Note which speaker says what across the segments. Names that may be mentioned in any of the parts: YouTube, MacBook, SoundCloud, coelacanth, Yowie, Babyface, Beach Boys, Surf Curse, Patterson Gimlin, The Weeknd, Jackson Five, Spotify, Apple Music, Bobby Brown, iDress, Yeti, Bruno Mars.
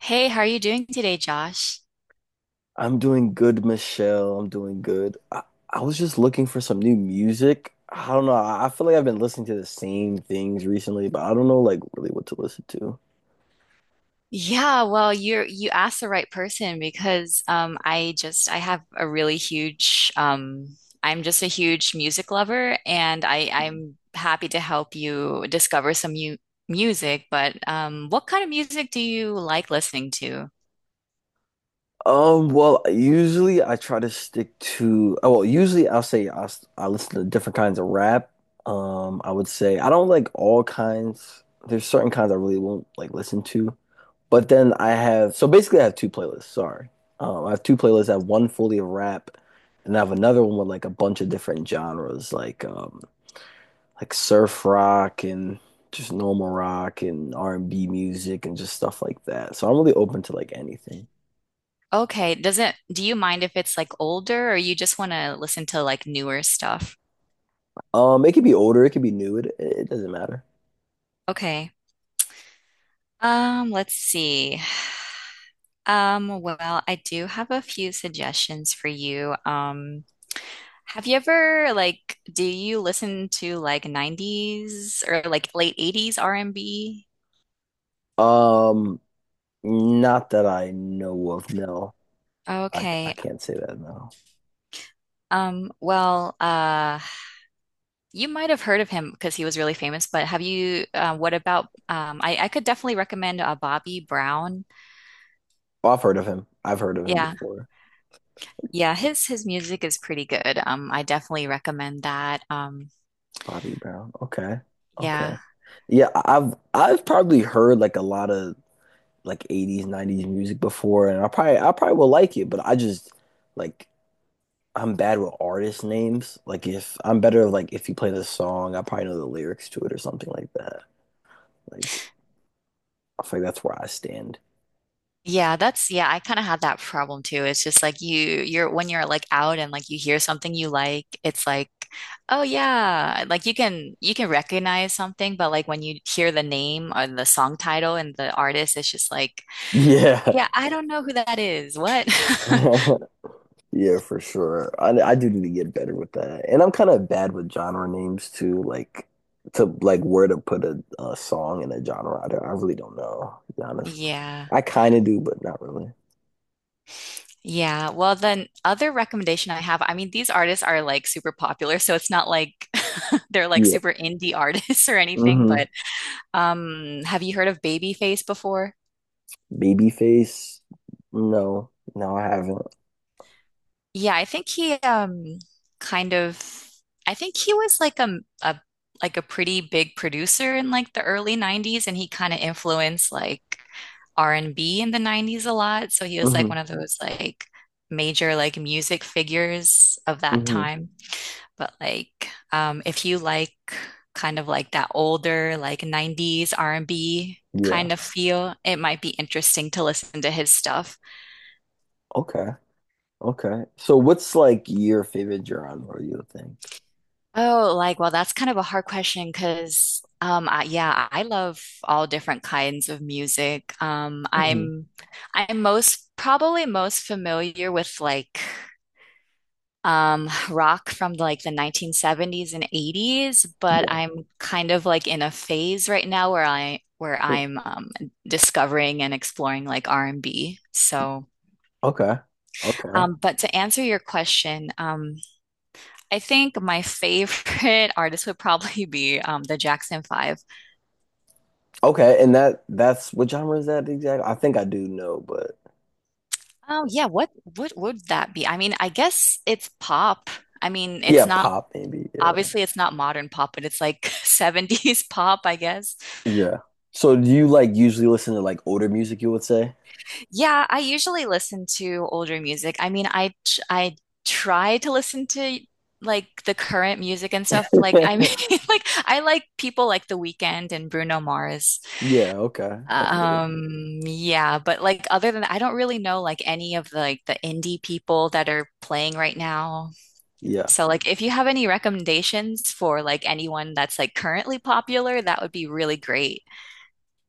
Speaker 1: Hey, how are you doing today, Josh?
Speaker 2: I'm doing good, Michelle. I'm doing good. I was just looking for some new music. I don't know. I feel like I've been listening to the same things recently, but I don't know like really what to listen to.
Speaker 1: Yeah, well, you asked the right person because I have a really huge I'm just a huge music lover and I'm happy to help you discover some new music, but what kind of music do you like listening to?
Speaker 2: Well, usually I try to stick to, oh, well, usually I'll say I listen to different kinds of rap. I would say I don't like all kinds. There's certain kinds I really won't like listen to. But then I have so basically I have two playlists. I have two playlists. I have one fully of rap, and I have another one with like a bunch of different genres, like surf rock and just normal rock and R and B music and just stuff like that. So I'm really open to like anything.
Speaker 1: Okay, doesn't do you mind if it's like older or you just want to listen to like newer stuff?
Speaker 2: It could be older, it could be new. It doesn't matter.
Speaker 1: Okay. Let's see. Well, I do have a few suggestions for you. Have you ever like, do you listen to like 90s or like late 80s R&B?
Speaker 2: Um, Not that I know of. No, I
Speaker 1: Okay.
Speaker 2: can't say that. No,
Speaker 1: Um, well, uh you might have heard of him because he was really famous, but have you what about um, I could definitely recommend Bobby Brown.
Speaker 2: I've heard of him. I've heard of him
Speaker 1: Yeah.
Speaker 2: before.
Speaker 1: Yeah, his music is pretty good. Um, I definitely recommend that. Um,
Speaker 2: Bobby Brown. Okay. Okay.
Speaker 1: yeah.
Speaker 2: Yeah, I've probably heard like a lot of like 80s, 90s music before and I probably will like it, but I just like I'm bad with artist names. Like if I'm better like if you play the song, I probably know the lyrics to it or something like that. Like I feel like that's where I stand.
Speaker 1: Yeah, that's yeah, I kind of had that problem too. It's just like you're when you're like out and like you hear something you like, it's like, oh yeah, like you can recognize something, but like when you hear the name or the song title and the artist, it's just like,
Speaker 2: Yeah.
Speaker 1: yeah, I don't know who that is. What?
Speaker 2: Yeah, for sure. I do need to get better with that. And I'm kind of bad with genre names too, like to like where to put a song in a genre. I really don't know, to be honest.
Speaker 1: Yeah.
Speaker 2: I kind of do, but not really.
Speaker 1: Yeah. Well, then other recommendation I have, I mean, these artists are like super popular, so it's not like they're like
Speaker 2: Yeah.
Speaker 1: super indie artists or anything,
Speaker 2: Mm-hmm.
Speaker 1: but have you heard of Babyface before?
Speaker 2: Babyface? No. No, I haven't.
Speaker 1: Yeah, I think he kind of I think he was like a like a pretty big producer in like the early 90s and he kind of influenced like R&B in the 90s a lot. So he was like
Speaker 2: Mm-hmm.
Speaker 1: one of those like major like music figures of that
Speaker 2: Mm-hmm.
Speaker 1: time. But like if you like kind of like that older like 90s R&B
Speaker 2: Yeah.
Speaker 1: kind of feel, it might be interesting to listen to his stuff.
Speaker 2: Okay. Okay. So what's like your favorite genre, you think?
Speaker 1: Oh, like, well, that's kind of a hard question because, I, yeah, I love all different kinds of music.
Speaker 2: hmm
Speaker 1: I'm most probably most familiar with like, rock from like the 1970s and 80s, but
Speaker 2: Yeah.
Speaker 1: I'm kind of like in a phase right now where discovering and exploring like R&B. So,
Speaker 2: Okay. Okay.
Speaker 1: but to answer your question, I think my favorite artist would probably be the Jackson Five.
Speaker 2: Okay. And that that's what genre is that exactly? I think I do know, but
Speaker 1: Oh yeah, what would that be? I mean, I guess it's pop. I mean,
Speaker 2: yeah,
Speaker 1: it's not
Speaker 2: pop maybe. Yeah.
Speaker 1: obviously it's not modern pop, but it's like 70s pop, I guess.
Speaker 2: Yeah. So do you like usually listen to like older music, you would say?
Speaker 1: Yeah, I usually listen to older music. I mean, I try to listen to like the current music and stuff. Like I mean, like I like people like The Weeknd and Bruno Mars.
Speaker 2: Yeah, okay. That's good.
Speaker 1: Yeah, but like other than that, I don't really know like any of the indie people that are playing right now.
Speaker 2: Yeah.
Speaker 1: So like if you have any recommendations for like anyone that's like currently popular, that would be really great.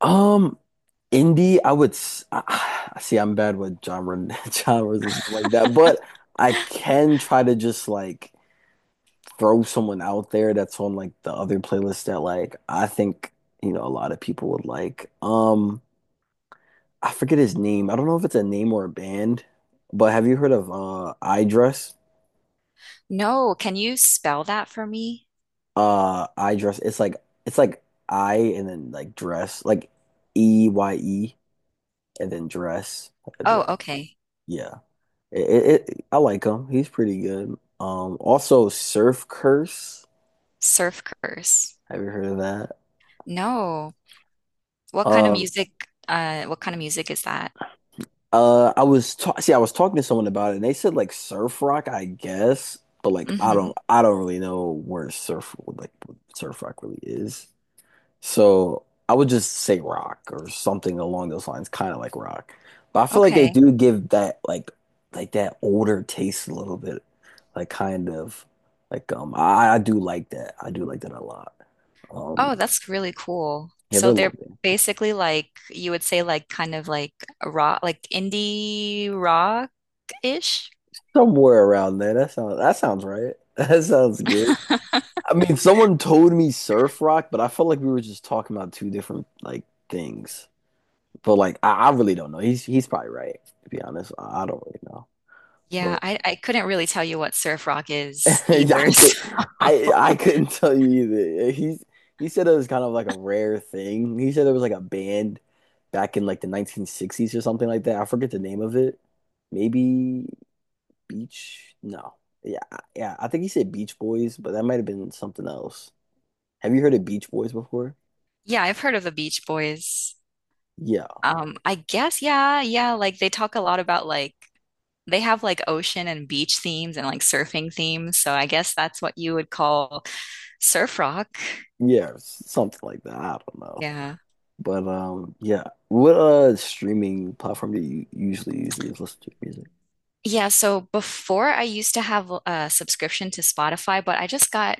Speaker 2: Um, Indie, I would s- I- see I'm bad with genre genres and stuff like that, but I can try to just like throw someone out there that's on like the other playlist that like I think, you know, a lot of people would like. I forget his name. I don't know if it's a name or a band, but have you heard of iDress?
Speaker 1: No, can you spell that for me?
Speaker 2: I dress. It's like I and then like dress, like Eye and then dress, like a
Speaker 1: Oh,
Speaker 2: dress.
Speaker 1: okay.
Speaker 2: Yeah, I like him. He's pretty good. Also Surf Curse.
Speaker 1: Surf Curse.
Speaker 2: Have you heard of that?
Speaker 1: No. What kind of
Speaker 2: Uh,
Speaker 1: music is that?
Speaker 2: I was ta See, I was talking to someone about it, and they said like surf rock, I guess, but like
Speaker 1: Mm-hmm.
Speaker 2: I don't really know where surf like what surf rock really is. So I would just say rock or something along those lines, kind of like rock. But I feel like they
Speaker 1: Okay.
Speaker 2: do give that like that older taste a little bit, like kind of like I do like that. I do like that a lot.
Speaker 1: Oh,
Speaker 2: Um
Speaker 1: that's really cool.
Speaker 2: yeah, they're
Speaker 1: So
Speaker 2: a little
Speaker 1: they're
Speaker 2: bit
Speaker 1: basically like you would say like kind of like a rock like indie rock-ish.
Speaker 2: somewhere around there. That sounds right. That sounds good. I mean, someone told me surf rock, but I felt like we were just talking about two different like things. But like I really don't know. He's probably right, to be honest. I don't really know.
Speaker 1: Yeah, I couldn't really tell you what surf rock is
Speaker 2: Yeah,
Speaker 1: either.
Speaker 2: I could,
Speaker 1: So
Speaker 2: I couldn't tell you either. Yeah, he said it was kind of like a rare thing. He said there was like a band back in like the 1960s or something like that. I forget the name of it. Maybe Beach? No. Yeah. I think he said Beach Boys, but that might have been something else. Have you heard of Beach Boys before?
Speaker 1: yeah, I've heard of the Beach Boys.
Speaker 2: Yeah,
Speaker 1: I guess yeah, yeah, like they talk a lot about like they have like ocean and beach themes and like surfing themes. So I guess that's what you would call surf rock.
Speaker 2: something like that. I don't know,
Speaker 1: Yeah.
Speaker 2: but yeah. What streaming platform do you usually listen to music?
Speaker 1: Yeah, so before I used to have a subscription to Spotify, but I just got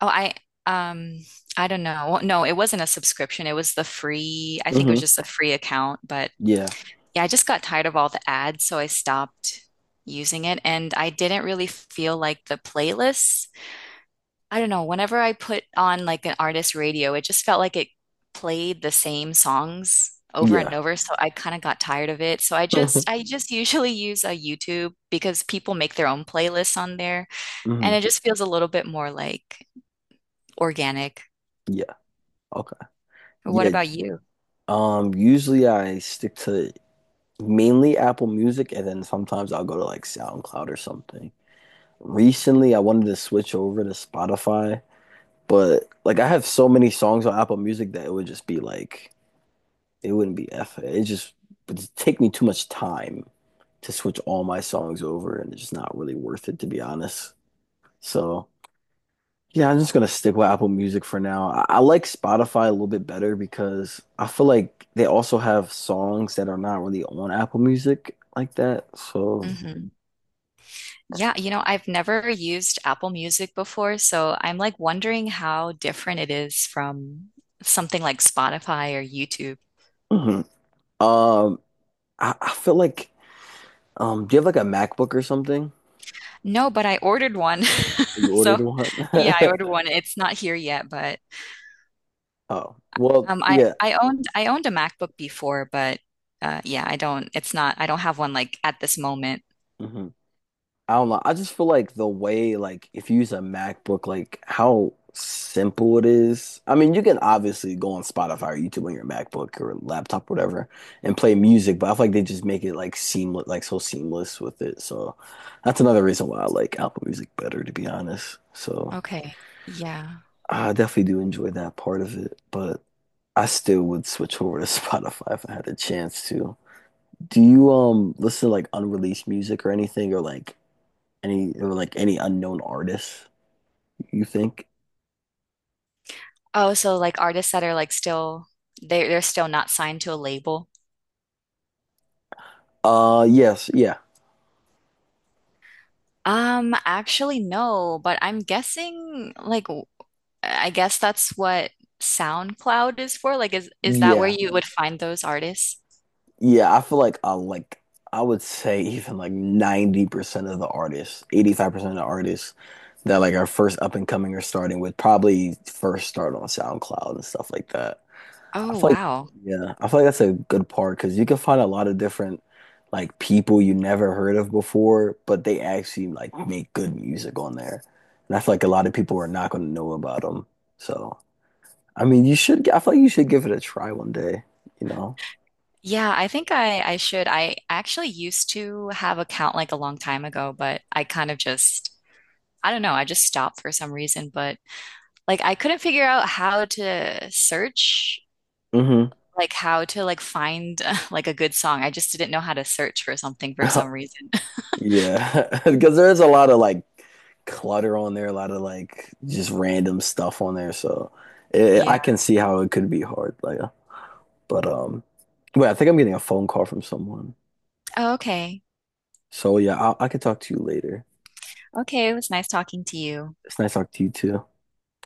Speaker 1: Oh, um I don't know. Well, no, it wasn't a subscription. It was the free, I think it was
Speaker 2: hmm
Speaker 1: just a free account, but
Speaker 2: Yeah,
Speaker 1: yeah, I just got tired of all the ads, so I stopped using it and I didn't really feel like the playlists. I don't know, whenever I put on like an artist radio, it just felt like it played the same songs over and
Speaker 2: yeah.
Speaker 1: over, so I kind of got tired of it. So I just I just usually use a YouTube because people make their own playlists on there
Speaker 2: hmm
Speaker 1: and it just feels a little bit more like organic.
Speaker 2: Yeah. Okay.
Speaker 1: What
Speaker 2: Yeah.
Speaker 1: about you?
Speaker 2: Usually I stick to mainly Apple Music and then sometimes I'll go to like SoundCloud or something. Recently I wanted to switch over to Spotify, but like I have so many songs on Apple Music that it would just be like it wouldn't be F it just would just take me too much time to switch all my songs over and it's just not really worth it to be honest. So yeah, I'm just gonna stick with Apple Music for now. I like Spotify a little bit better because I feel like they also have songs that are not really on Apple Music like that. So,
Speaker 1: hmm Yeah, you know, I've never used Apple Music before, so I'm like wondering how different it is from something like Spotify or YouTube.
Speaker 2: mhm. Um, I feel like do you have like a MacBook or something?
Speaker 1: No, but I ordered one.
Speaker 2: You
Speaker 1: So,
Speaker 2: ordered one?
Speaker 1: yeah, I ordered one. It's not here yet, but
Speaker 2: Oh, well,
Speaker 1: um I
Speaker 2: yeah.
Speaker 1: I owned I owned a MacBook before, but yeah, I don't it's not I don't have one like at this moment.
Speaker 2: Mhm. I don't know. I just feel like the way, like, if you use a MacBook, like how simple it is. I mean, you can obviously go on Spotify or YouTube on your MacBook or laptop, whatever, and play music, but I feel like they just make it like seamless, like so seamless with it. So that's another reason why I like Apple Music better, to be honest. So
Speaker 1: Okay. Yeah.
Speaker 2: I definitely do enjoy that part of it, but I still would switch over to Spotify if I had a chance to. Do you listen to like unreleased music or anything, or like any unknown artists, you think?
Speaker 1: Oh, so like artists that are like still they they're still not signed to a label.
Speaker 2: Yes, yeah.
Speaker 1: Actually, no, but I'm guessing I guess that's what SoundCloud is for. Like, is that where
Speaker 2: Yeah.
Speaker 1: you would find those artists?
Speaker 2: Yeah, I feel like I would say even like 90% of the artists, 85% of the artists that like are first up and coming or starting with probably first start on SoundCloud and stuff like that. I
Speaker 1: Oh,
Speaker 2: feel like
Speaker 1: wow.
Speaker 2: yeah, I feel like that's a good part because you can find a lot of different like people you never heard of before, but they actually like make good music on there. And I feel like a lot of people are not going to know about them. So I mean, you should. I feel like you should give it a try one day. You know.
Speaker 1: Yeah, I think I should. I actually used to have account like a long time ago, but I kind of just I don't know, I just stopped for some reason, but like I couldn't figure out how to search
Speaker 2: hmm
Speaker 1: like how to like find like a good song. I just didn't know how to search for something for some reason.
Speaker 2: Yeah, because there is a lot of like clutter on there, a lot of like just random stuff on there. So it,
Speaker 1: Yeah.
Speaker 2: I can see how it could be hard. Like, but wait, I think I'm getting a phone call from someone.
Speaker 1: Oh, okay.
Speaker 2: So yeah, I could talk to you later.
Speaker 1: Okay, it was nice talking to you.
Speaker 2: It's nice talking to you too.